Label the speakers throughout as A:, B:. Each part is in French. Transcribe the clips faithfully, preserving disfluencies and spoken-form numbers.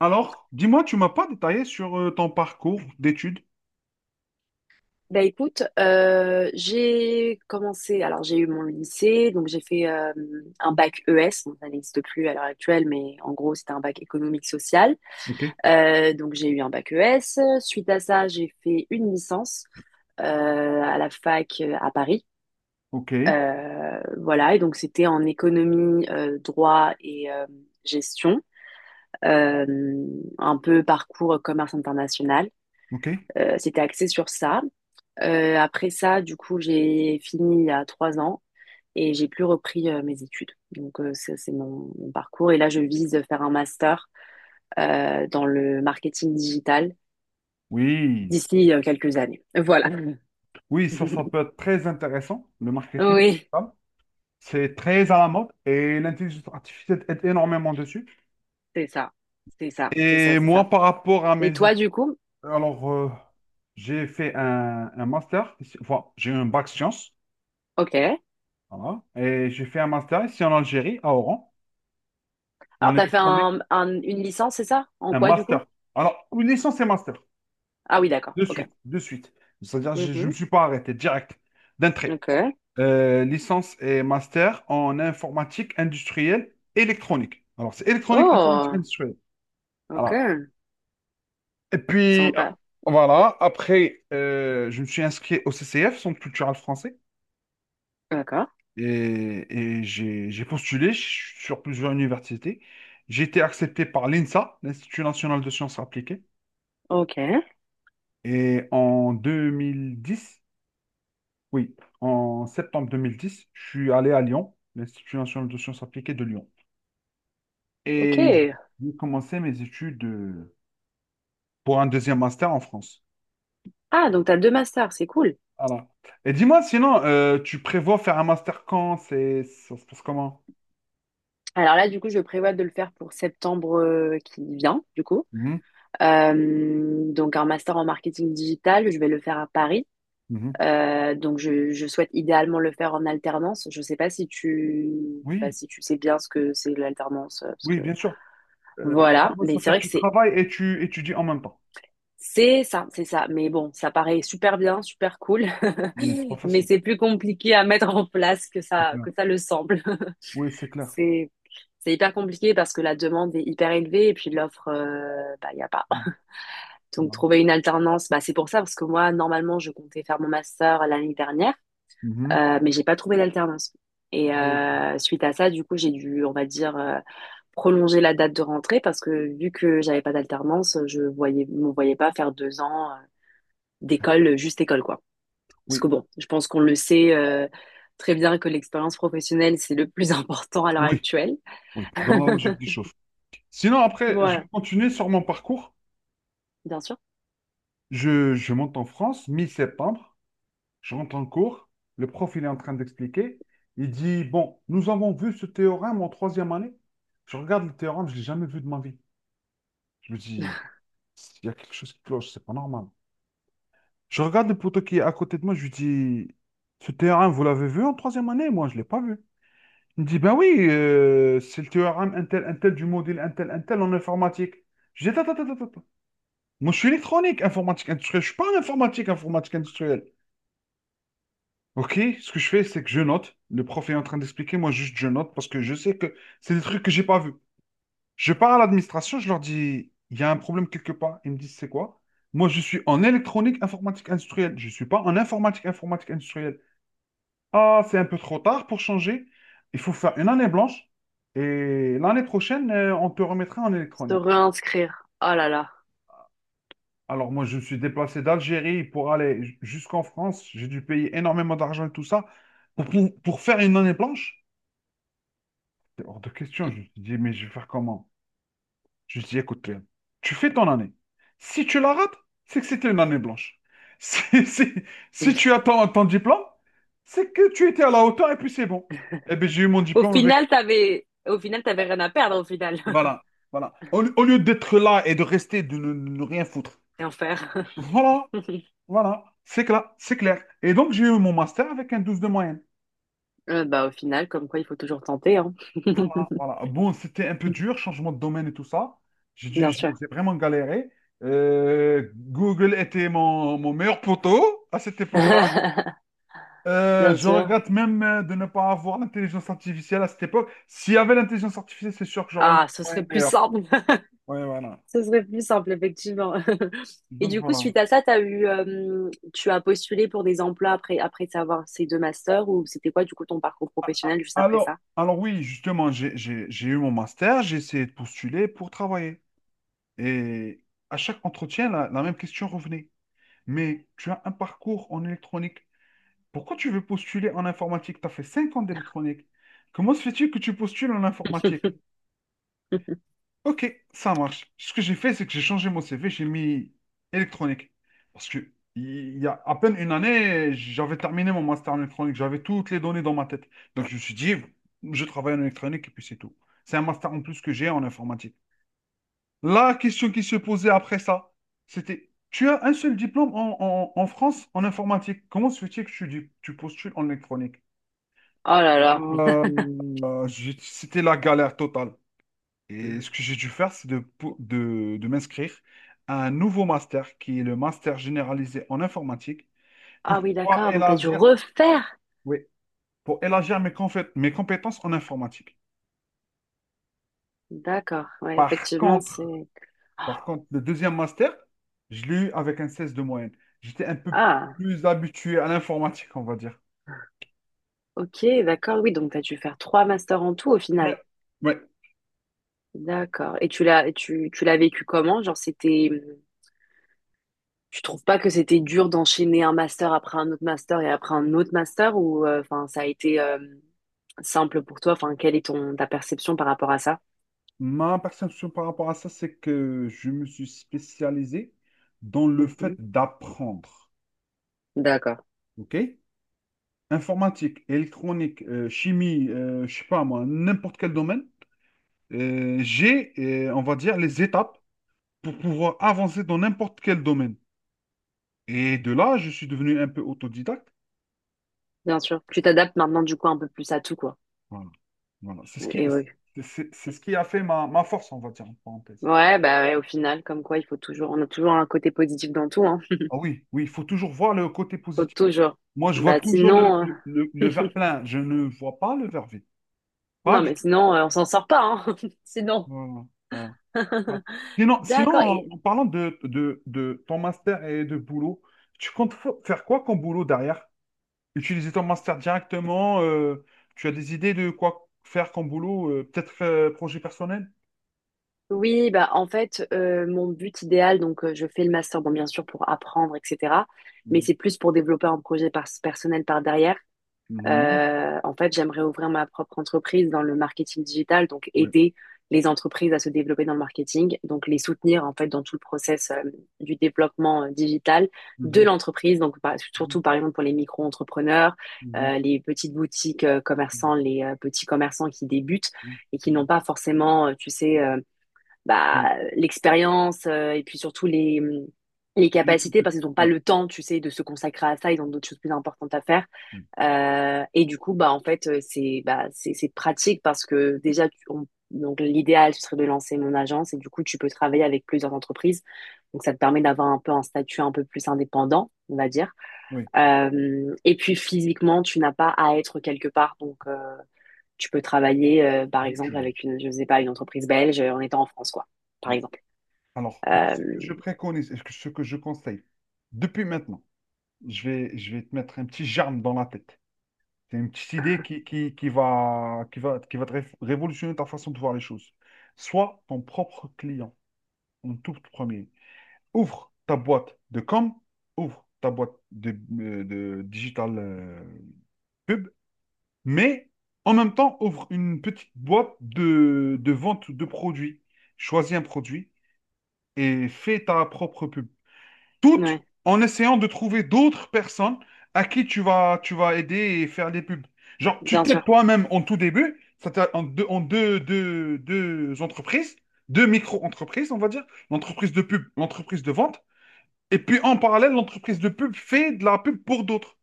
A: Alors, dis-moi, tu m'as pas détaillé sur euh, ton parcours d'études.
B: Bah écoute, euh, j'ai commencé, alors j'ai eu mon lycée, donc j'ai fait euh, un bac E S, bon, ça n'existe plus à l'heure actuelle, mais en gros c'était un bac économique social.
A: Ok,
B: Euh, donc j'ai eu un bac E S, suite à ça j'ai fait une licence euh, à la fac euh, à Paris.
A: ok,
B: Euh, voilà, et donc c'était en économie, euh, droit et euh, gestion. Euh, un peu parcours commerce international.
A: ok.
B: Euh, c'était axé sur ça. Euh, après ça, du coup, j'ai fini il y a trois ans et j'ai plus repris euh, mes études. Donc, euh, ça, c'est mon, mon parcours. Et là, je vise de faire un master euh, dans le marketing digital
A: Oui, c-
B: d'ici euh, quelques années. Voilà.
A: oui, ça, ça peut être très intéressant, le marketing
B: Oui,
A: digital. C'est très à la mode et l'intelligence artificielle est énormément dessus.
B: c'est ça. C'est ça, c'est ça,
A: Et
B: c'est ça.
A: moi, par rapport à
B: Et
A: mes études,
B: toi, du coup?
A: alors, euh, j'ai fait un, un master, ici- enfin, j'ai eu un bac sciences,
B: Ok.
A: voilà, et j'ai fait un master ici en Algérie, à Oran, en
B: Alors, t'as fait
A: électronique,
B: un, un- une licence, c'est ça? En
A: un
B: quoi, du coup?
A: master. Alors, une licence et master.
B: Ah oui, d'accord.
A: De
B: Ok.
A: suite, de suite. C'est-à-dire, je ne
B: Mhm.
A: me suis pas arrêté, direct, d'entrée.
B: Ok.
A: Euh, licence et master en informatique industrielle électronique. Alors, c'est électronique, informatique
B: Oh,
A: industrielle.
B: ok.
A: Voilà. Et puis, ah,
B: Sympa.
A: voilà, après, euh, je me suis inscrit au C C F, Centre culturel français,
B: D'accord.
A: et, et j'ai j'ai postulé ch- sur plusieurs universités. J'ai été accepté par l'I N S A, l'Institut national de sciences appliquées,
B: Ok.
A: et en deux mille dix, oui, en septembre deux mille dix, je suis allé à Lyon, l'Institut national de sciences appliquées de Lyon.
B: Ok.
A: Et j'ai commencé mes études euh, pour un deuxième master en France.
B: Ah, donc t'as deux masters, c'est cool.
A: Voilà. Et dis-moi, sinon, euh, tu prévois faire un master quand? C'est, ça se passe comment?
B: Alors là, du coup, je prévois de le faire pour septembre euh, qui vient, du coup.
A: Mhm,
B: Euh, donc un master en marketing digital, je vais le faire à Paris.
A: mhm.
B: Euh, donc je, je souhaite idéalement le faire en alternance. Je sais pas si tu, bah,
A: Oui,
B: si tu sais bien ce que c'est l'alternance, euh, parce
A: oui,
B: que
A: bien sûr. Euh,
B: voilà.
A: l'alternance,
B: Mais c'est
A: c'est-à-dire
B: vrai
A: que
B: que
A: tu
B: c'est
A: travailles et tu étudies en même temps.
B: c'est ça, c'est ça. Mais bon, ça paraît super bien, super cool,
A: Mais c'est pas
B: mais
A: facile.
B: c'est plus compliqué à mettre en place que
A: C'est
B: ça
A: clair.
B: que ça le semble.
A: Oui, c'est clair.
B: C'est c'est hyper compliqué parce que la demande est hyper élevée et puis l'offre, euh, bah, il n'y a pas.
A: Mhm.
B: Donc,
A: Voilà.
B: trouver une alternance, bah, c'est pour ça parce que moi, normalement, je comptais faire mon master l'année dernière,
A: Mhm.
B: euh, mais j'ai pas trouvé d'alternance. Et
A: Oui,
B: euh, suite à ça, du coup, j'ai dû, on va dire, euh, prolonger la date de rentrée parce que vu que j'avais pas d'alternance, je voyais, me voyais pas faire deux ans euh, d'école, euh, juste école, quoi. Parce que bon, je pense qu'on le sait euh, très bien que l'expérience professionnelle, c'est le plus important à l'heure
A: oui,
B: actuelle.
A: oui. Dans la logique des chauffe. Sinon, après, je vais
B: Voilà.
A: continuer sur mon parcours.
B: Bien sûr.
A: Je, je monte en France, mi-septembre, je rentre en cours, le prof il est en train d'expliquer, il dit, bon, nous avons vu ce théorème en troisième année, je regarde le théorème, je l'ai jamais vu de ma vie. Je me dis, il y a quelque chose qui cloche, c'est pas normal. Je regarde le poteau qui est à côté de moi, je lui dis, ce théorème, vous l'avez vu en troisième année? Moi, je l'ai pas vu. Il me dit, ben oui, euh, c'est le théorème intel, intel du module intel, intel en informatique. Je dis, attends, attends, attends, attends. Moi, je suis électronique, informatique industrielle, je suis pas en informatique, informatique industrielle. Ok, ce que je fais, c'est que je note. Le prof est en train d'expliquer, moi juste je note parce que je sais que c'est des trucs que j'ai pas vus. Je pars à l'administration, je leur dis, il y a un problème quelque part. Ils me disent, c'est quoi? Moi, je suis en électronique informatique industrielle. Je ne suis pas en informatique informatique industrielle. Ah, c'est un peu trop tard pour changer. Il faut faire une année blanche et l'année prochaine, euh, on te remettra en
B: Se
A: électronique.
B: réinscrire. Oh là là.
A: Alors moi, je me suis déplacé d'Algérie pour aller j- jusqu'en France. J'ai dû payer énormément d'argent et tout ça pour, pour pour faire une année blanche. C'est hors de question. Je me dis mais je vais faire comment? Je me suis écoute, Léon, tu fais ton année. Si tu la rates, c'est que c'était une année blanche. Si, si, si tu as ton ton diplôme, c'est que tu étais à la hauteur et puis c'est bon. Eh bien, j'ai eu mon
B: Au
A: diplôme avec.
B: final, t'avais, au final, t'avais rien à perdre au final.
A: Voilà, voilà. Au, au lieu d'être là et de rester, de ne, ne rien foutre.
B: Rien faire.
A: Voilà, voilà. C'est clair, c'est clair. Et donc, j'ai eu mon master avec un douze de moyenne.
B: Euh, bah, au final, comme quoi, il faut toujours tenter, hein.
A: Voilà. Bon, c'était un peu dur, changement de domaine et tout ça. J'ai dû,
B: Bien
A: j'ai
B: sûr.
A: j'ai vraiment galéré. Euh, Google était mon, mon meilleur poteau à cette époque-là. Euh,
B: Bien
A: je
B: sûr.
A: regrette même euh, de ne pas avoir l'intelligence artificielle à cette époque. S'il y avait l'intelligence artificielle, c'est sûr que j'aurais eu un
B: Ah, ce
A: moyen
B: serait plus
A: meilleur.
B: simple.
A: Ouais, voilà.
B: Ce serait plus simple, effectivement. Et
A: Donc
B: du coup,
A: voilà.
B: suite à ça, t'as eu, euh, tu as postulé pour des emplois après, après avoir ces deux masters ou c'était quoi, du coup, ton parcours professionnel juste après
A: Alors,
B: ça?
A: alors oui, justement, j'ai j'ai- j'ai eu mon master, j'ai essayé de postuler pour travailler. Et à chaque entretien, la, la même question revenait. Mais tu as un parcours en électronique. Pourquoi tu veux postuler en informatique? Tu as fait cinq ans d'électronique. Comment se fait-il que tu postules en informatique? Ok, ça marche. Ce que j'ai fait, c'est que j'ai changé mon C V, j'ai mis électronique. Parce que il y a à peine une année, j'avais terminé mon master en électronique, j'avais toutes les données dans ma tête. Donc je me suis dit, je travaille en électronique et puis c'est tout. C'est un master en plus que j'ai en informatique. La question qui se posait après ça, c'était, tu as un seul diplôme en, en- en France en informatique. Comment se fait-il que tu, tu postules en électronique?
B: Oh là là.
A: Euh, j'ai- c'était la galère totale. Et ce que j'ai dû faire, c'est de, pou- de, de m'inscrire à un nouveau master qui est le master généralisé en informatique pour
B: Ah oui,
A: pouvoir
B: d'accord. Donc, t'as dû
A: élargir,
B: refaire.
A: oui, pour élargir mes, confé- mes compétences en informatique.
B: D'accord. Ouais,
A: Par
B: effectivement,
A: contre,
B: c'est...
A: par contre, le deuxième master, je l'ai eu avec un seize de moyenne. J'étais un peu
B: Ah,
A: plus habitué à l'informatique, on va dire.
B: ok, d'accord. Oui, donc, t'as dû faire trois masters en tout au final.
A: Ouais, ouais.
B: D'accord. Et tu l'as, tu, tu l'as vécu comment? Genre, c'était, tu trouves pas que c'était dur d'enchaîner un master après un autre master et après un autre master ou, euh, enfin, ça a été euh, simple pour toi? Enfin, quelle est ton ta perception par rapport à ça?
A: Ma perception par rapport à ça, c'est que je me suis spécialisé dans le fait
B: Mhm.
A: d'apprendre.
B: D'accord.
A: OK? Informatique, électronique, euh, chimie, euh, je sais pas moi, n'importe quel domaine. Euh, j'ai, euh, on va dire, les étapes pour pouvoir avancer dans n'importe quel domaine. Et de là, je suis devenu un peu autodidacte.
B: Bien sûr. Tu t'adaptes maintenant du coup un peu plus à tout quoi.
A: Voilà. Voilà. C'est ce qui,
B: Et oui.
A: c'est c'est- c'est ce qui a fait ma, ma force, on va dire, en parenthèse.
B: Ouais, bah ouais, au final, comme quoi, il faut toujours, on a toujours un côté positif dans tout, hein.
A: Ah oui, oui, il faut toujours voir le côté
B: Faut
A: positif.
B: toujours.
A: Moi, je vois
B: Bah
A: toujours le,
B: sinon,
A: le, le- le
B: euh,
A: verre plein. Je ne vois pas le verre vide. Pas
B: non
A: du
B: mais
A: tout.
B: sinon, euh, on s'en sort pas, hein. Sinon.
A: Voilà, voilà, voilà. Sinon, sinon,
B: D'accord.
A: en,
B: Et
A: en parlant de, de, de ton master et de boulot, tu comptes fa- faire quoi comme boulot derrière? Utiliser ton master directement, euh, tu as des idées de quoi faire comme boulot, euh, peut-être euh, projet personnel?
B: oui, bah en fait, euh, mon but idéal, donc euh, je fais le master, bon bien sûr pour apprendre, et cetera. Mais
A: Mhm.
B: c'est plus pour développer un projet par- personnel par derrière.
A: Mhm.
B: Euh, en fait, j'aimerais ouvrir ma propre entreprise dans le marketing digital, donc
A: Oui.
B: aider les entreprises à se développer dans le marketing, donc les soutenir en fait dans tout le process euh, du développement euh, digital de
A: Mhm.
B: l'entreprise. Donc par-
A: Mhm.
B: surtout par exemple pour les micro-entrepreneurs,
A: Mhm.
B: euh, les petites boutiques euh, commerçants, les euh, petits commerçants qui débutent
A: Mhm.
B: et qui n'ont
A: Mhm.
B: pas forcément, euh, tu sais. Euh,
A: Oui.
B: bah, l'expérience euh, et puis surtout les, les
A: Les- tout
B: capacités
A: petits-
B: parce qu'ils n'ont pas
A: ouais.
B: le temps, tu sais, de se consacrer à ça, ils ont d'autres choses plus importantes à faire.
A: Oui.
B: Euh, et du coup, bah, en fait, euh, c'est bah, c'est c'est pratique parce que déjà, tu- on- donc l'idéal, ce serait de lancer mon agence et du coup, tu peux travailler avec plusieurs entreprises. Donc, ça te permet d'avoir un peu un statut un peu plus indépendant, on va dire.
A: Oui.
B: Euh, et puis, physiquement, tu n'as pas à être quelque part. Donc, euh, tu peux travailler, euh, par
A: D'où tu
B: exemple,
A: veux.
B: avec une, je sais pas, une entreprise belge euh, en étant en France, quoi, par
A: Oui.
B: exemple.
A: Alors, moi,
B: Euh,
A: ce que je préconise et ce que ce que je conseille, depuis maintenant, je vais, je vais te mettre un petit germe dans la tête. C'est une petite idée qui, qui, qui va, qui va, qui va te ré- révolutionner ta façon de voir les choses. Sois ton propre client en tout premier. Ouvre ta boîte de com, ouvre ta boîte de, euh, de digital euh, pub, mais en même temps, ouvre une petite boîte de, de vente de produits. Choisis un produit et fais ta propre pub. Toutes
B: ouais,
A: en essayant de trouver d'autres personnes à qui tu vas, tu vas aider et faire des pubs. Genre, tu
B: bien
A: t'aides
B: sûr,
A: toi-même en tout début, ça t'a- en deux, en deux, deux- deux entreprises, deux micro-entreprises, on va dire, l'entreprise de pub, l'entreprise de vente, et puis en parallèle, l'entreprise de pub fait de la pub pour d'autres.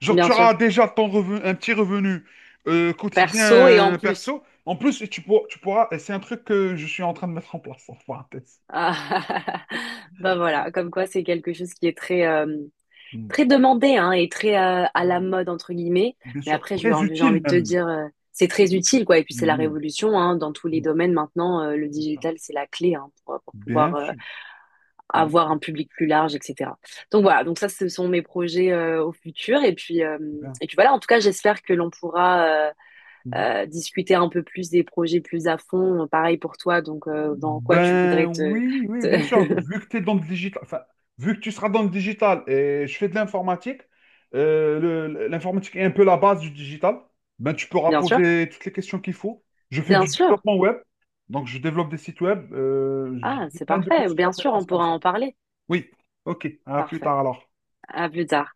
A: Genre, tu
B: bien sûr.
A: auras déjà ton revenu, un petit revenu euh, quotidien
B: Perso et en
A: euh,
B: plus.
A: perso. En plus, et tu pourras, tu pourras, et c'est un truc que je suis en train de mettre en place, en parenthèse.
B: Ah, ben voilà, comme quoi c'est quelque chose qui est très, euh, très demandé hein, et très euh, à la
A: Mm.
B: mode, entre guillemets.
A: Bien
B: Mais
A: sûr,
B: après, j'ai
A: très
B: envie, j'ai
A: utile
B: envie de te
A: même.
B: dire, euh, c'est très utile, quoi. Et puis c'est la
A: Mhm.
B: révolution hein, dans tous les domaines maintenant. Euh, le
A: Bien sûr.
B: digital, c'est la clé hein, pour, pour pouvoir
A: Bien
B: euh,
A: sûr. Bien
B: avoir
A: sûr.
B: un public plus large, et cetera. Donc voilà, donc ça, ce sont mes projets euh, au futur. Et puis, euh,
A: Bien.
B: et puis voilà, en tout cas, j'espère que l'on pourra euh,
A: Mhm.
B: euh, discuter un peu plus des projets plus à fond. Pareil pour toi, donc euh, dans quoi tu
A: Ben
B: voudrais te...
A: oui, oui, bien sûr.
B: te-
A: Vu que tu es dans le digital, enfin, vu que tu seras dans le digital et je fais de l'informatique, euh, le- l'informatique est un peu la base du digital. Ben, tu pourras
B: Bien sûr,
A: poser toutes les questions qu'il faut. Je fais
B: bien
A: du
B: sûr.
A: développement web, donc je développe des sites web. Euh,
B: Ah,
A: j'ai
B: c'est
A: plein de
B: parfait.
A: petites
B: Bien sûr, on
A: compétences comme
B: pourra
A: ça.
B: en parler.
A: Oui, ok. À plus
B: Parfait.
A: tard alors.
B: À plus tard.